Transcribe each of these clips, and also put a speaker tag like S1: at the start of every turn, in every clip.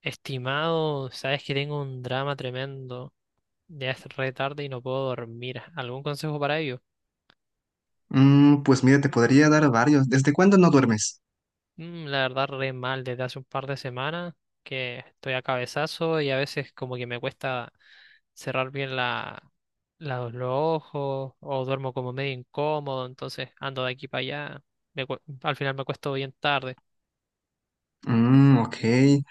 S1: Estimado, sabes que tengo un drama tremendo. Ya es re tarde y no puedo dormir. ¿Algún consejo para ello?
S2: Pues mira, te podría dar varios. ¿Desde cuándo no duermes?
S1: La verdad, re mal desde hace un par de semanas que estoy a cabezazo y a veces como que me cuesta cerrar bien los ojos o duermo como medio incómodo, entonces ando de aquí para allá. Al final me cuesto bien tarde.
S2: Mm, ok.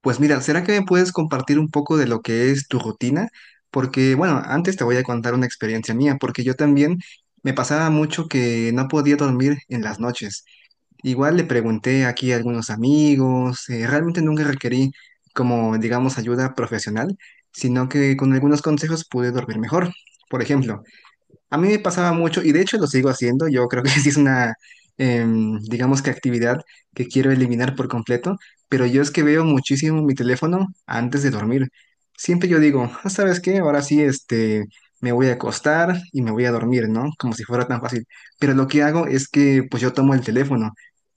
S2: Pues mira, ¿será que me puedes compartir un poco de lo que es tu rutina? Porque, bueno, antes te voy a contar una experiencia mía, porque yo también me pasaba mucho que no podía dormir en las noches. Igual le pregunté aquí a algunos amigos, realmente nunca requerí como, digamos, ayuda profesional, sino que con algunos consejos pude dormir mejor. Por ejemplo, a mí me pasaba mucho, y de hecho lo sigo haciendo, yo creo que sí es una, digamos que actividad que quiero eliminar por completo, pero yo es que veo muchísimo mi teléfono antes de dormir. Siempre yo digo, "Ah, ¿sabes qué? Ahora sí, me voy a acostar y me voy a dormir, ¿no?" Como si fuera tan fácil. Pero lo que hago es que pues yo tomo el teléfono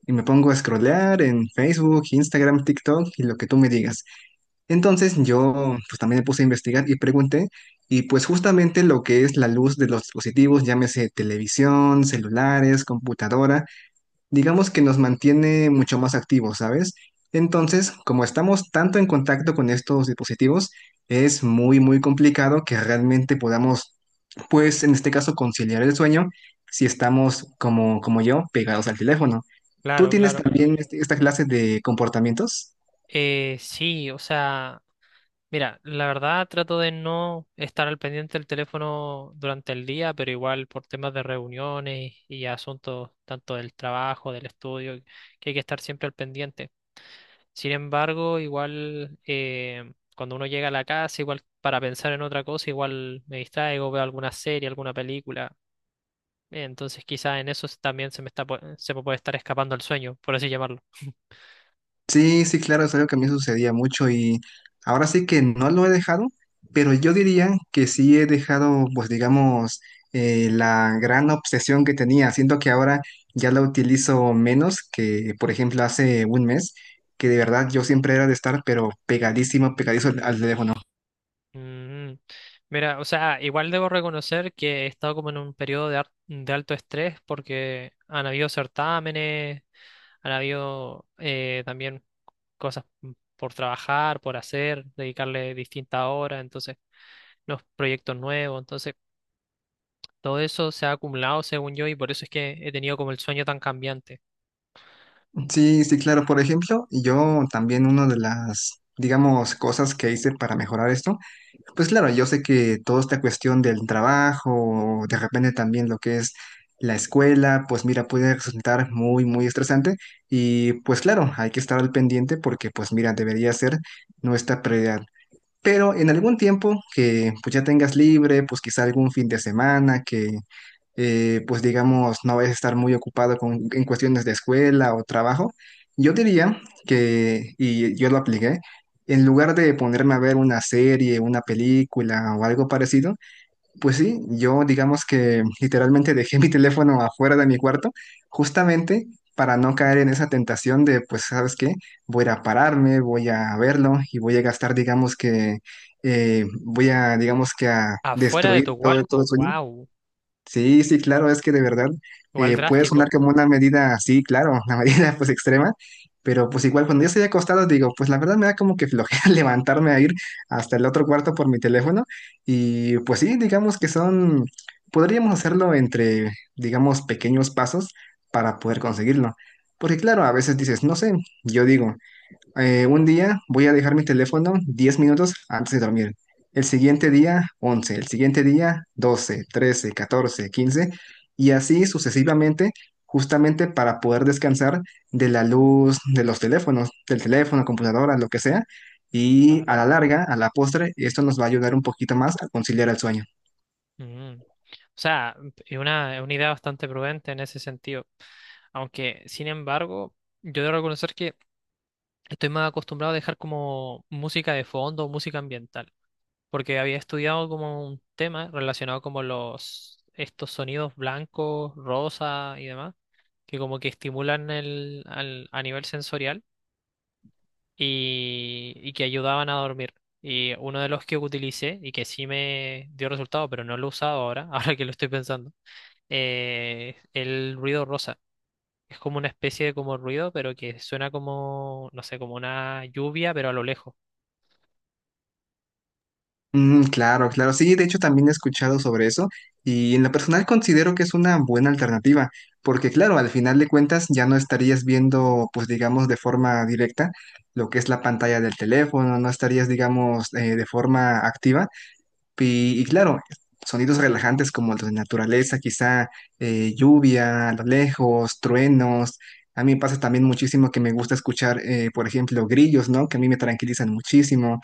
S2: y me pongo a scrollear en Facebook, Instagram, TikTok y lo que tú me digas. Entonces yo pues también me puse a investigar y pregunté, y pues justamente lo que es la luz de los dispositivos, llámese televisión, celulares, computadora, digamos que nos mantiene mucho más activos, ¿sabes? Entonces, como estamos tanto en contacto con estos dispositivos, es muy muy complicado que realmente podamos, pues en este caso, conciliar el sueño si estamos como yo pegados al teléfono. ¿Tú
S1: Claro,
S2: tienes
S1: claro.
S2: también esta clase de comportamientos?
S1: Sí, o sea. Mira, la verdad trato de no estar al pendiente del teléfono durante el día, pero igual por temas de reuniones y asuntos tanto del trabajo, del estudio, que hay que estar siempre al pendiente. Sin embargo, igual cuando uno llega a la casa, igual para pensar en otra cosa, igual me distraigo, veo alguna serie, alguna película. Entonces quizás en eso también se me se me puede estar escapando el sueño, por así llamarlo.
S2: Sí, sí, claro, es algo que a mí sucedía mucho, y ahora sí que no lo he dejado, pero yo diría que sí he dejado, pues digamos, la gran obsesión que tenía. Siento que ahora ya la utilizo menos que, por ejemplo, hace un mes, que de verdad yo siempre era de estar, pero pegadísimo, pegadizo al teléfono.
S1: Mm, Mira, o sea, igual debo reconocer que he estado como en un periodo de alto estrés porque han habido certámenes, han habido también cosas por trabajar, por hacer, dedicarle distintas horas, entonces los proyectos nuevos, entonces todo eso se ha acumulado según yo y por eso es que he tenido como el sueño tan cambiante.
S2: Sí, sí, claro. Por ejemplo, yo también una de las, digamos, cosas que hice para mejorar esto, pues claro, yo sé que toda esta cuestión del trabajo, de repente también lo que es la escuela, pues mira, puede resultar muy, muy estresante, y pues claro, hay que estar al pendiente porque pues mira, debería ser nuestra prioridad. Pero en algún tiempo que pues ya tengas libre, pues quizá algún fin de semana que pues digamos, no vayas a estar muy ocupado con, en cuestiones de escuela o trabajo, yo diría que, y yo lo apliqué, en lugar de ponerme a ver una serie, una película o algo parecido, pues sí, yo digamos que literalmente dejé mi teléfono afuera de mi cuarto, justamente para no caer en esa tentación de, pues, ¿sabes qué? Voy a ir a pararme, voy a verlo y voy a gastar, digamos que, voy a, digamos que a
S1: Afuera de
S2: destruir
S1: tu
S2: todo, todo
S1: cuarto,
S2: el sueño.
S1: wow,
S2: Sí, sí, claro, es que de verdad
S1: igual
S2: puede sonar
S1: drástico.
S2: como una medida, sí, claro, una medida pues extrema, pero pues igual cuando yo estoy acostado digo, pues la verdad me da como que flojera levantarme a ir hasta el otro cuarto por mi teléfono, y pues sí, digamos que son, podríamos hacerlo entre, digamos, pequeños pasos para poder conseguirlo, porque claro, a veces dices, no sé, yo digo. Un día voy a dejar mi teléfono 10 minutos antes de dormir. El siguiente día, 11. El siguiente día, 12, 13, 14, 15. Y así sucesivamente, justamente para poder descansar de la luz de los teléfonos, del teléfono, computadora, lo que sea. Y a
S1: Claro.
S2: la larga, a la postre, esto nos va a ayudar un poquito más a conciliar el sueño.
S1: Mm. O sea, es una idea bastante prudente en ese sentido. Aunque, sin embargo, yo debo reconocer que estoy más acostumbrado a dejar como música de fondo, música ambiental, porque había estudiado como un tema relacionado como los estos sonidos blancos, rosa y demás, que como que estimulan a nivel sensorial y que ayudaban a dormir. Y uno de los que utilicé y que sí me dio resultado, pero no lo he usado ahora, ahora que lo estoy pensando, el ruido rosa. Es como una especie de como ruido, pero que suena como, no sé, como una lluvia, pero a lo lejos.
S2: Mm, claro, claro. Sí, de hecho también he escuchado sobre eso, y en lo personal considero que es una buena alternativa, porque claro, al final de cuentas ya no estarías viendo, pues digamos, de forma directa lo que es la pantalla del teléfono, no estarías, digamos, de forma activa, y claro, sonidos relajantes como los de naturaleza, quizá lluvia a lo lejos, truenos. A mí me pasa también muchísimo que me gusta escuchar, por ejemplo, grillos, ¿no? Que a mí me tranquilizan muchísimo.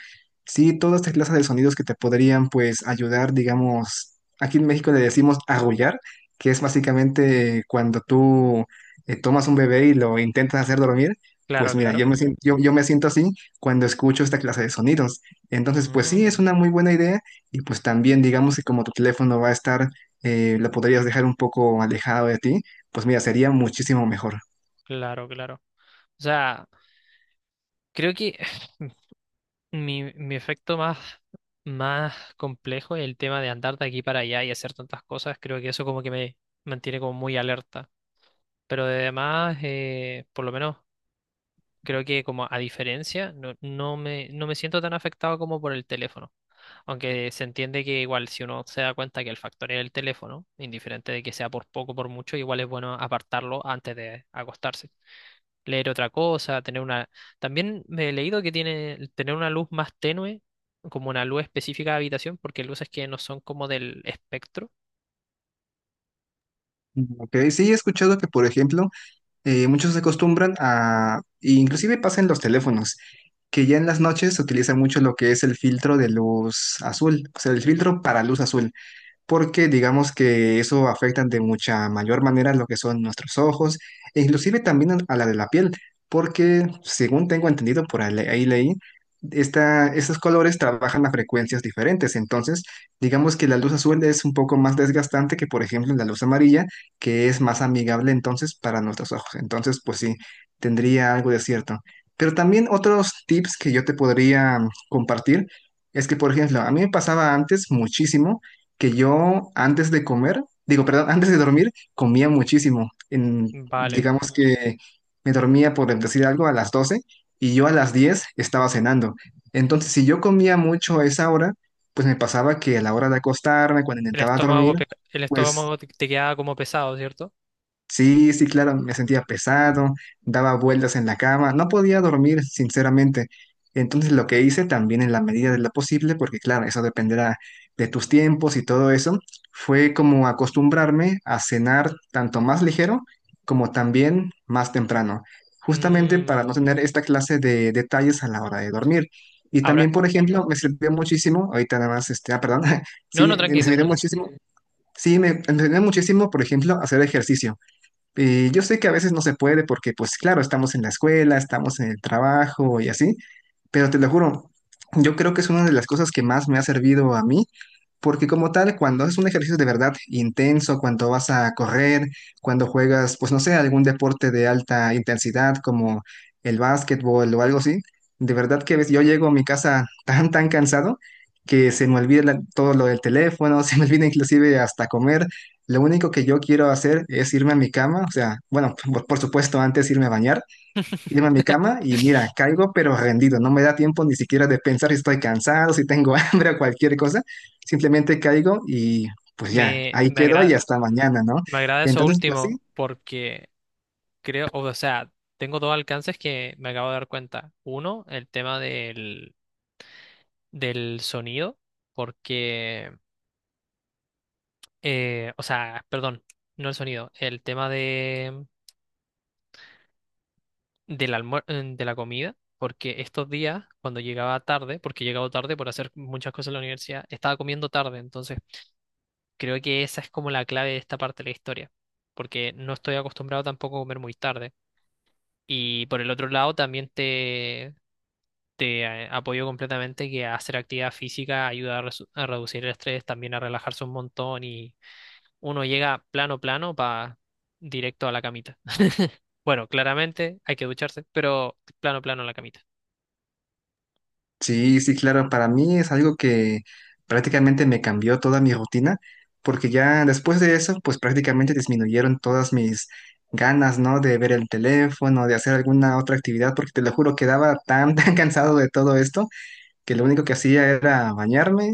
S2: Sí, todas estas clases de sonidos que te podrían, pues, ayudar, digamos, aquí en México le decimos arrullar, que es básicamente cuando tú tomas un bebé y lo intentas hacer dormir. Pues
S1: Claro,
S2: mira,
S1: claro.
S2: yo me siento así cuando escucho esta clase de sonidos. Entonces, pues sí, es
S1: Mm,
S2: una muy buena idea, y pues también digamos que como tu teléfono va a estar, lo podrías dejar un poco alejado de ti, pues mira, sería muchísimo mejor.
S1: claro, claro. O sea, creo que mi efecto más complejo es el tema de andar de aquí para allá y hacer tantas cosas. Creo que eso como que me mantiene como muy alerta. Pero además, por lo menos, creo que como a diferencia, no, no me siento tan afectado como por el teléfono. Aunque se entiende que igual si uno se da cuenta que el factor es el teléfono, indiferente de que sea por poco o por mucho, igual es bueno apartarlo antes de acostarse. Leer otra cosa, tener una. También me he leído que tiene el tener una luz más tenue, como una luz específica de habitación, porque luces que no son como del espectro.
S2: Ok, sí he escuchado que, por ejemplo, muchos se acostumbran a, inclusive pasa en los teléfonos, que ya en las noches se utiliza mucho lo que es el filtro de luz azul, o sea, el
S1: Ujú.
S2: filtro para luz azul, porque digamos que eso afecta de mucha mayor manera lo que son nuestros ojos e inclusive también a la de la piel, porque según tengo entendido, por ahí ahí leí, estos colores trabajan a frecuencias diferentes. Entonces digamos que la luz azul es un poco más desgastante que, por ejemplo, la luz amarilla, que es más amigable entonces para nuestros ojos. Entonces pues sí, tendría algo de cierto. Pero también otros tips que yo te podría compartir es que, por ejemplo, a mí me pasaba antes muchísimo que yo antes de comer, digo, perdón, antes de dormir, comía muchísimo.
S1: Vale.
S2: Digamos que me dormía, por decir algo, a las 12:00, y yo a las 10:00 estaba cenando. Entonces, si yo comía mucho a esa hora, pues me pasaba que a la hora de acostarme, cuando
S1: El
S2: intentaba
S1: estómago,
S2: dormir,
S1: el
S2: pues,
S1: estómago te queda como pesado, ¿cierto?
S2: sí, sí, claro, me sentía
S1: Mm.
S2: pesado, daba vueltas en la cama, no podía dormir, sinceramente. Entonces lo que hice también en la medida de lo posible, porque claro, eso dependerá de tus tiempos y todo eso, fue como acostumbrarme a cenar tanto más ligero como también más temprano, justamente para
S1: Mm.
S2: no tener esta clase de detalles a la hora de dormir. Y
S1: Ahora.
S2: también, por ejemplo, me sirvió muchísimo, ahorita nada más, perdón,
S1: No,
S2: sí,
S1: no,
S2: me
S1: tranqui,
S2: sirvió
S1: tranqui.
S2: muchísimo, sí, me sirvió muchísimo, por ejemplo, hacer ejercicio. Y yo sé que a veces no se puede porque, pues claro, estamos en la escuela, estamos en el trabajo y así, pero te lo juro, yo creo que es una de las cosas que más me ha servido a mí, porque como tal, cuando haces un ejercicio de verdad intenso, cuando vas a correr, cuando juegas, pues no sé, algún deporte de alta intensidad como el básquetbol o algo así, de verdad que a veces yo llego a mi casa tan, tan cansado que se me olvida todo lo del teléfono, se me olvida inclusive hasta comer. Lo único que yo quiero hacer es irme a mi cama, o sea, bueno, por supuesto, antes irme a bañar, irme a mi cama y mira, caigo pero rendido, no me da tiempo ni siquiera de pensar si estoy cansado, si tengo hambre o cualquier cosa, simplemente caigo y pues ya,
S1: Me,
S2: ahí
S1: me
S2: quedo y
S1: agrada.
S2: hasta mañana, ¿no?
S1: Me agrada eso
S2: Entonces, pues
S1: último
S2: sí,
S1: porque creo, o sea, tengo dos alcances que me acabo de dar cuenta. Uno, el tema del sonido, porque, o sea, perdón, no el sonido, el tema de la comida, porque estos días, cuando llegaba tarde, porque he llegado tarde por hacer muchas cosas en la universidad, estaba comiendo tarde, entonces creo que esa es como la clave de esta parte de la historia, porque no estoy acostumbrado tampoco a comer muy tarde. Y por el otro lado también te apoyo completamente que hacer actividad física ayuda a reducir el estrés, también a relajarse un montón y uno llega plano plano para directo a la camita. Bueno, claramente hay que ducharse, pero plano plano a la camita.
S2: sí, sí, claro, para mí es algo que prácticamente me cambió toda mi rutina, porque ya después de eso, pues prácticamente disminuyeron todas mis ganas, ¿no? De ver el teléfono, de hacer alguna otra actividad, porque te lo juro, quedaba tan, tan cansado de todo esto, que lo único que hacía era bañarme,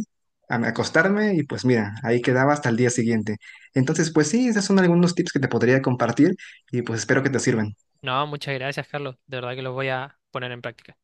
S2: acostarme, y pues mira, ahí quedaba hasta el día siguiente. Entonces, pues sí, esos son algunos tips que te podría compartir, y pues espero que te sirvan.
S1: No, muchas gracias, Carlos. De verdad que los voy a poner en práctica.